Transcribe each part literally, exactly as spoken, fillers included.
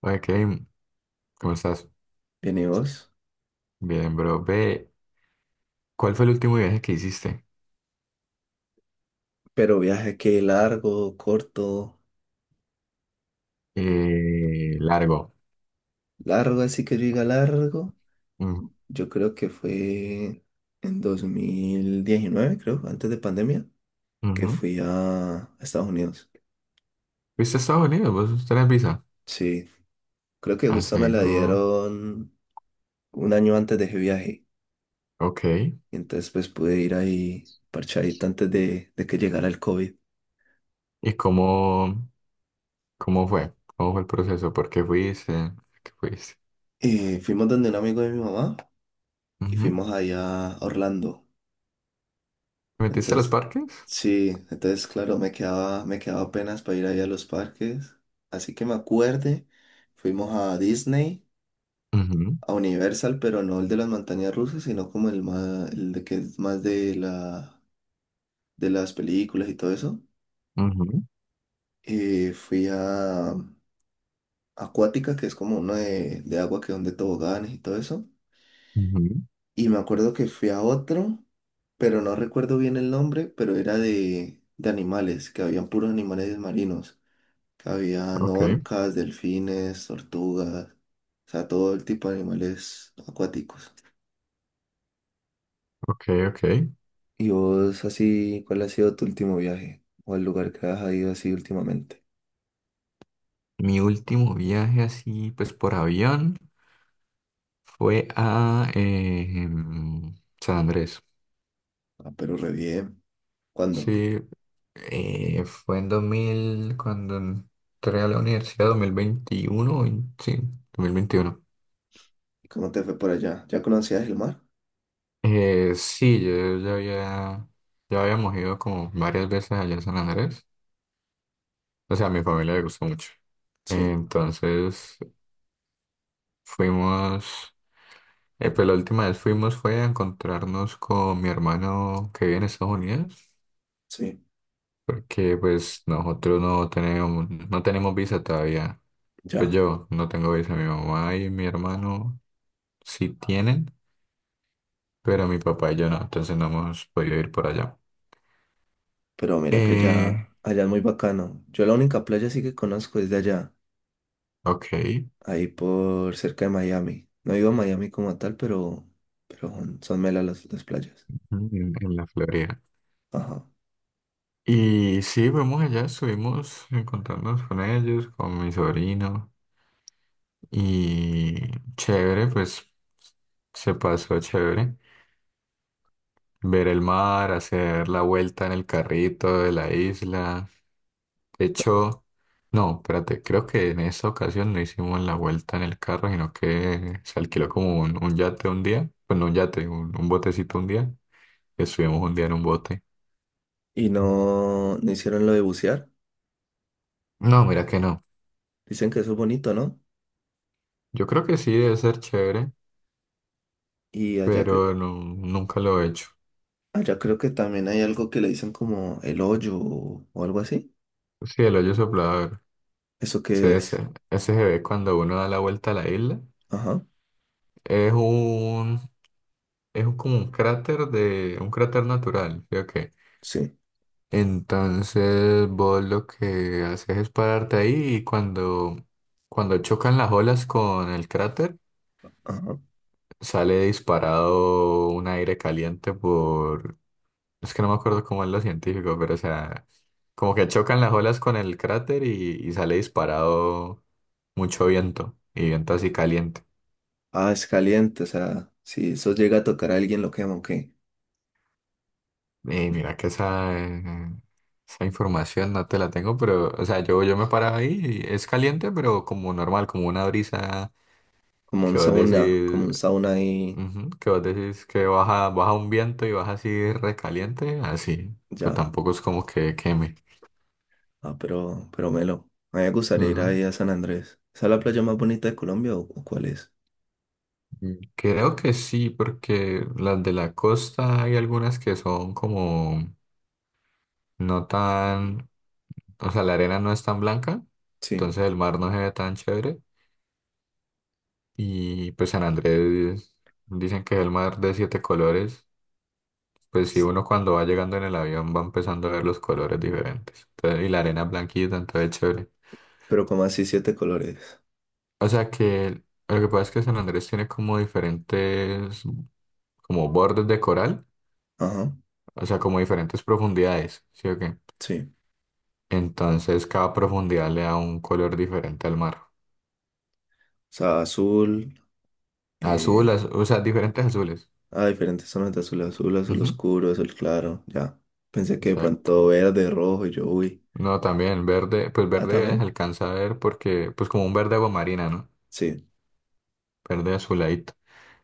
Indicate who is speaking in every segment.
Speaker 1: Hola Kevin, ¿cómo estás?
Speaker 2: Bien, ¿y vos?
Speaker 1: Bien, bro. Ve, ¿cuál fue el último viaje que hiciste?
Speaker 2: Pero viaje que largo, corto,
Speaker 1: Eh, largo.
Speaker 2: largo, así que yo diga largo.
Speaker 1: Mm,
Speaker 2: Yo creo que fue en dos mil diecinueve, creo, antes de pandemia, que
Speaker 1: ujú.
Speaker 2: fui a Estados Unidos.
Speaker 1: ¿Fuiste a Estados Unidos? ¿Vos tenés visa?
Speaker 2: Sí, creo que
Speaker 1: Ah,
Speaker 2: justo me la
Speaker 1: seguro.
Speaker 2: dieron un año antes de ese viaje.
Speaker 1: Ok.
Speaker 2: Y entonces pues pude ir ahí parchadito antes de, de que llegara el COVID.
Speaker 1: ¿Y cómo, cómo fue? ¿Cómo fue el proceso? ¿Por qué fuiste? ¿Por ¿Qué fuiste?
Speaker 2: Y fuimos donde un amigo de mi mamá y
Speaker 1: Ujú.
Speaker 2: fuimos allá a Orlando.
Speaker 1: ¿Te metiste a los
Speaker 2: Entonces,
Speaker 1: parques?
Speaker 2: sí, entonces, claro, me quedaba, me quedaba apenas para ir ahí a los parques. Así que me acuerde, fuimos a Disney,
Speaker 1: Ujú,
Speaker 2: a Universal, pero no el de las montañas rusas, sino como el más, el de que es más de la, de las películas y todo eso.
Speaker 1: ujú,
Speaker 2: Eh, fui a Acuática, que es como uno de, de agua que donde toboganes y todo eso.
Speaker 1: ujú.
Speaker 2: Y me acuerdo que fui a otro, pero no recuerdo bien el nombre, pero era de, de animales, que habían puros animales marinos. Habían
Speaker 1: Ok,
Speaker 2: orcas, delfines, tortugas, o sea, todo el tipo de animales acuáticos.
Speaker 1: ok, ok.
Speaker 2: ¿Y vos así, cuál ha sido tu último viaje? ¿O el lugar que has ido así últimamente?
Speaker 1: Mi último viaje así, pues por avión, fue a eh, em, San Andrés.
Speaker 2: Ah, pero re bien. ¿Cuándo?
Speaker 1: Sí, eh, fue en dos mil cuando entré a la universidad, dos mil veintiuno, vein- sí, dos mil veintiuno.
Speaker 2: ¿Cómo te fue por allá? ¿Ya conocías el mar?
Speaker 1: Eh, sí, yo ya había, ya habíamos ido como varias veces allá a San Andrés. O sea, a mi familia le gustó mucho.
Speaker 2: Sí,
Speaker 1: Entonces fuimos, eh, pues la última vez fuimos fue a encontrarnos con mi hermano que vive en Estados Unidos,
Speaker 2: sí,
Speaker 1: porque pues nosotros no tenemos, no tenemos visa todavía. Pues
Speaker 2: ya.
Speaker 1: yo no tengo visa, mi mamá y mi hermano sí tienen, pero mi papá y yo no, entonces no hemos podido ir por allá.
Speaker 2: Pero mira que allá,
Speaker 1: Eh,
Speaker 2: allá es muy bacano. Yo la única playa sí que conozco es de allá,
Speaker 1: ok, en,
Speaker 2: ahí por cerca de Miami. No he ido a Miami como tal, pero, pero son, son melas las las playas.
Speaker 1: en la Florida.
Speaker 2: Ajá.
Speaker 1: Y sí, fuimos allá, estuvimos encontrándonos con ellos, con mi sobrino, y chévere, pues se pasó chévere. Ver el mar, hacer la vuelta en el carrito de la isla. De hecho, no, espérate, creo que en esa ocasión no hicimos la vuelta en el carro, sino que se alquiló como un, un yate un día, pues no un yate, un, un botecito un día, estuvimos un día en un bote.
Speaker 2: Y no, no hicieron lo de bucear.
Speaker 1: No, mira que no.
Speaker 2: Dicen que eso es bonito, ¿no?
Speaker 1: Yo creo que sí debe ser chévere,
Speaker 2: Y allá, cre-
Speaker 1: pero no, nunca lo he hecho.
Speaker 2: allá creo que también hay algo que le dicen como el hoyo o, o algo así.
Speaker 1: Sí, el hoyo soplador,
Speaker 2: ¿Eso
Speaker 1: sí,
Speaker 2: qué es?
Speaker 1: ese, ese se ve cuando uno da la vuelta a la isla.
Speaker 2: Ajá,
Speaker 1: Es un, es un- Como un cráter de, un cráter natural, ¿sí o qué?
Speaker 2: sí,
Speaker 1: Entonces vos lo que haces es pararte ahí y cuando, cuando chocan las olas con el cráter,
Speaker 2: ajá.
Speaker 1: sale disparado un aire caliente por... Es que no me acuerdo cómo es lo científico, pero o sea, como que chocan las olas con el cráter y, y sale disparado mucho viento y viento así caliente.
Speaker 2: Ah, es caliente, o sea, si eso llega a tocar a alguien lo quema, ok.
Speaker 1: Y mira que esa, eh, esa información no te la tengo, pero o sea, yo, yo me paraba ahí y es caliente, pero como normal, como una brisa.
Speaker 2: Como un
Speaker 1: Que vos
Speaker 2: sauna, como
Speaker 1: decís,
Speaker 2: un sauna ahí,
Speaker 1: ujú, que vos decís que baja, baja un viento y baja así recaliente, así, pero
Speaker 2: ya.
Speaker 1: tampoco es como que queme.
Speaker 2: Ah, pero, pero Melo, a mí me gustaría ir
Speaker 1: Ujú.
Speaker 2: ahí a San Andrés. ¿Esa es la playa más bonita de Colombia o, o cuál es?
Speaker 1: Mm, creo que sí, porque las de la costa hay algunas que son como no tan, o sea, la arena no es tan blanca,
Speaker 2: Sí,
Speaker 1: entonces el mar no se ve tan chévere. Y pues San Andrés dicen que es el mar de siete colores, pues sí, uno cuando va llegando en el avión va empezando a ver los colores diferentes. Entonces, y la arena blanquita, entonces es chévere.
Speaker 2: pero como así siete colores.
Speaker 1: O sea que lo que pasa es que San Andrés tiene como diferentes, como bordes de coral,
Speaker 2: Ajá,
Speaker 1: o sea, como diferentes profundidades, ¿sí o qué?
Speaker 2: sí. O
Speaker 1: Entonces cada profundidad le da un color diferente al mar.
Speaker 2: sea, azul,
Speaker 1: Azul,
Speaker 2: eh,
Speaker 1: az- o sea, diferentes azules.
Speaker 2: ah, diferentes zonas de azul, azul, azul
Speaker 1: Ujú,
Speaker 2: oscuro, azul claro, ya. Pensé que de
Speaker 1: exacto.
Speaker 2: pronto verde, rojo, y yo, uy.
Speaker 1: No, también verde, pues
Speaker 2: Ah,
Speaker 1: verde se
Speaker 2: también,
Speaker 1: alcanza a ver porque, pues como un verde agua marina, ¿no?
Speaker 2: sí.
Speaker 1: Verde azuladito.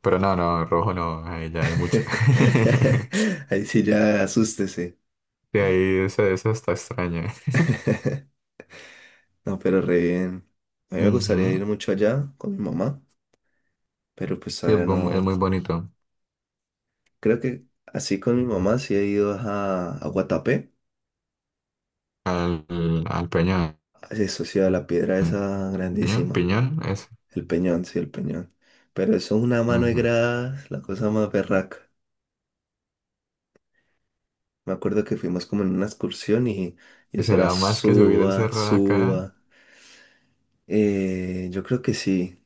Speaker 1: Pero no, no, rojo no, ahí ya es mucho.
Speaker 2: Ahí sí ya asústese.
Speaker 1: De ahí eso, eso está extraño.
Speaker 2: No, pero re bien. A mí me gustaría ir
Speaker 1: Ujú.
Speaker 2: mucho allá con mi mamá, pero pues
Speaker 1: Sí, es
Speaker 2: todavía
Speaker 1: bu- es
Speaker 2: no.
Speaker 1: muy bonito.
Speaker 2: Creo que así con mi mamá sí he ido a, a Guatapé.
Speaker 1: al, al Peñón.
Speaker 2: Eso sí, a la piedra esa
Speaker 1: Peñón,
Speaker 2: grandísima.
Speaker 1: Piñón, eso.
Speaker 2: El Peñón, sí, el Peñón. Pero eso es una mano de
Speaker 1: Ujú.
Speaker 2: gradas, la cosa más berraca. Me acuerdo que fuimos como en una excursión y, y eso era
Speaker 1: Será más que subir el
Speaker 2: suba,
Speaker 1: cerro de acá.
Speaker 2: suba. Eh, yo creo que sí.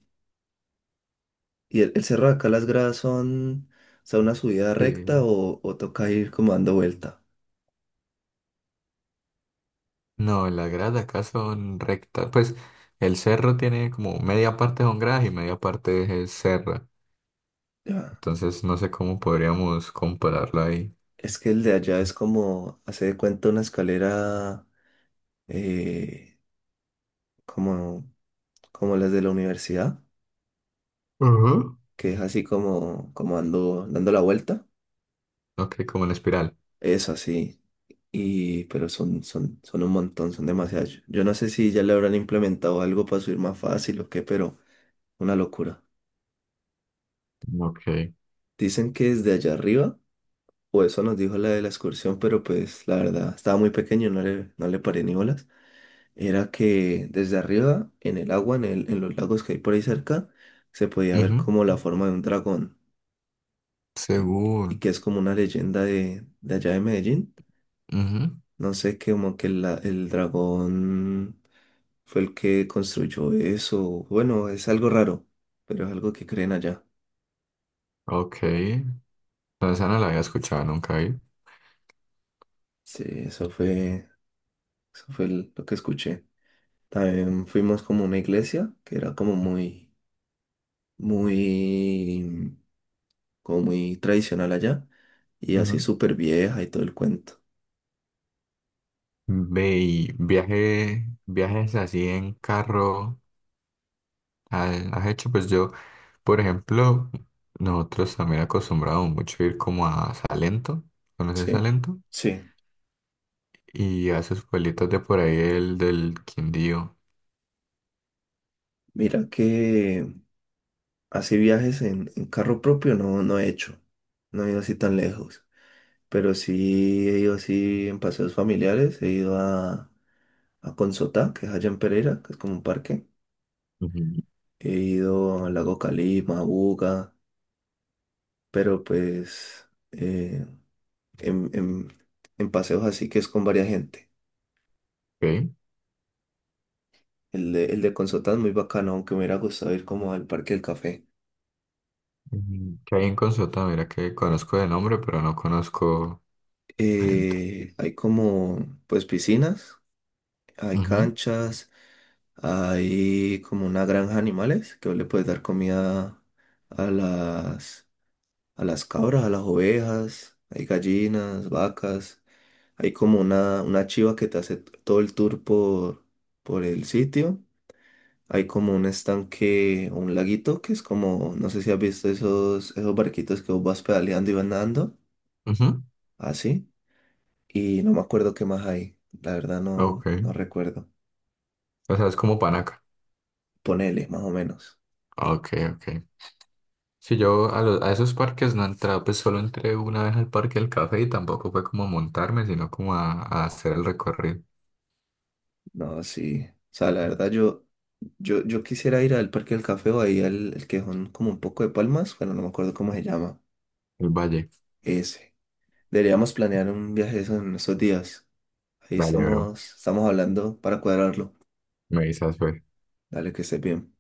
Speaker 2: ¿Y el, el cerro de acá, las gradas son, o sea, una subida recta
Speaker 1: Sí.
Speaker 2: o, o toca ir como dando vuelta?
Speaker 1: No, las gradas de acá son rectas. Pues el cerro tiene como media parte son gradas y media parte es serra.
Speaker 2: Ya.
Speaker 1: Entonces no sé cómo podríamos compararlo ahí.
Speaker 2: Es que el de allá es como, hace de cuenta una escalera eh, como, como las de la universidad,
Speaker 1: Ujú.
Speaker 2: que es así como, como dando, dando la vuelta.
Speaker 1: Ok, como en espiral.
Speaker 2: Eso sí. Y, pero son, son, son un montón, son demasiados. Yo yo no sé si ya le habrán implementado algo para subir más fácil o qué, pero una locura.
Speaker 1: Ok.
Speaker 2: Dicen que desde allá arriba, o eso nos dijo la de la excursión, pero pues la verdad, estaba muy pequeño, no le, no le paré ni bolas. Era que desde arriba, en el agua, en el, en los lagos que hay por ahí cerca, se podía ver
Speaker 1: Ujú.
Speaker 2: como la forma de un dragón. Y, y
Speaker 1: Seguro.
Speaker 2: que es como una leyenda de, de allá de Medellín.
Speaker 1: Ujú.
Speaker 2: No sé, que como que la- el dragón fue el que construyó eso. Bueno, es algo raro, pero es algo que creen allá.
Speaker 1: Ok. No, esa no la había escuchado nunca ahí.
Speaker 2: Sí, eso fue, eso fue el- lo que escuché. También fuimos como a una iglesia que era como muy, muy, como muy tradicional allá y así
Speaker 1: Ujú.
Speaker 2: súper vieja y todo el cuento.
Speaker 1: Ve y viaje, ¿viajes así en carro ha- has hecho? Pues yo, por ejemplo, nosotros también acostumbramos mucho ir como a Salento, ¿conoces
Speaker 2: Sí,
Speaker 1: Salento?
Speaker 2: sí.
Speaker 1: Y a esos pueblitos de por ahí, el del Quindío.
Speaker 2: Mira que así viajes en, en carro propio no, no he hecho. No he ido así tan lejos. Pero sí he ido así en paseos familiares, he ido a, a Consotá, que es allá en Pereira, que es como un parque.
Speaker 1: Ujú.
Speaker 2: He ido al lago Calima, a Buga, pero pues eh, en, en- en paseos así que es con varias gente.
Speaker 1: Ok.
Speaker 2: El de, el de Consotá es muy bacano, aunque me hubiera gustado ir como al Parque del Café.
Speaker 1: Ujú. Que hay en Consulta, mira que conozco de nombre, pero no conozco adentro.
Speaker 2: Eh, hay como pues piscinas, hay
Speaker 1: Ujú,
Speaker 2: canchas, hay como una granja de animales que vos le puedes dar comida a las a las cabras, a las ovejas, hay gallinas, vacas, hay como una, una chiva que te hace todo el tour por, por el sitio. Hay como un estanque o un laguito que es como, no sé si has visto esos, esos barquitos que vos vas pedaleando y van nadando,
Speaker 1: ujú,
Speaker 2: así. Y no me acuerdo qué más hay, la verdad
Speaker 1: ok.
Speaker 2: no, no recuerdo.
Speaker 1: O sea, es como Panaca.
Speaker 2: Ponele, más o menos.
Speaker 1: Ok, ok, si yo a, lo- a esos parques no he entrado, pues solo entré una vez al parque del café y tampoco fue como a montarme, sino como a, a hacer el recorrido,
Speaker 2: No, sí. O sea, la verdad yo, yo, yo quisiera ir al Parque del Café o ahí al el que son como un poco de palmas, bueno, no me acuerdo cómo se llama.
Speaker 1: el valle.
Speaker 2: Ese. Deberíamos planear un viaje de esos en esos días. Ahí
Speaker 1: Dale, bro.
Speaker 2: estamos, estamos hablando para cuadrarlo.
Speaker 1: Me avisas, pues.
Speaker 2: Dale, que estés bien.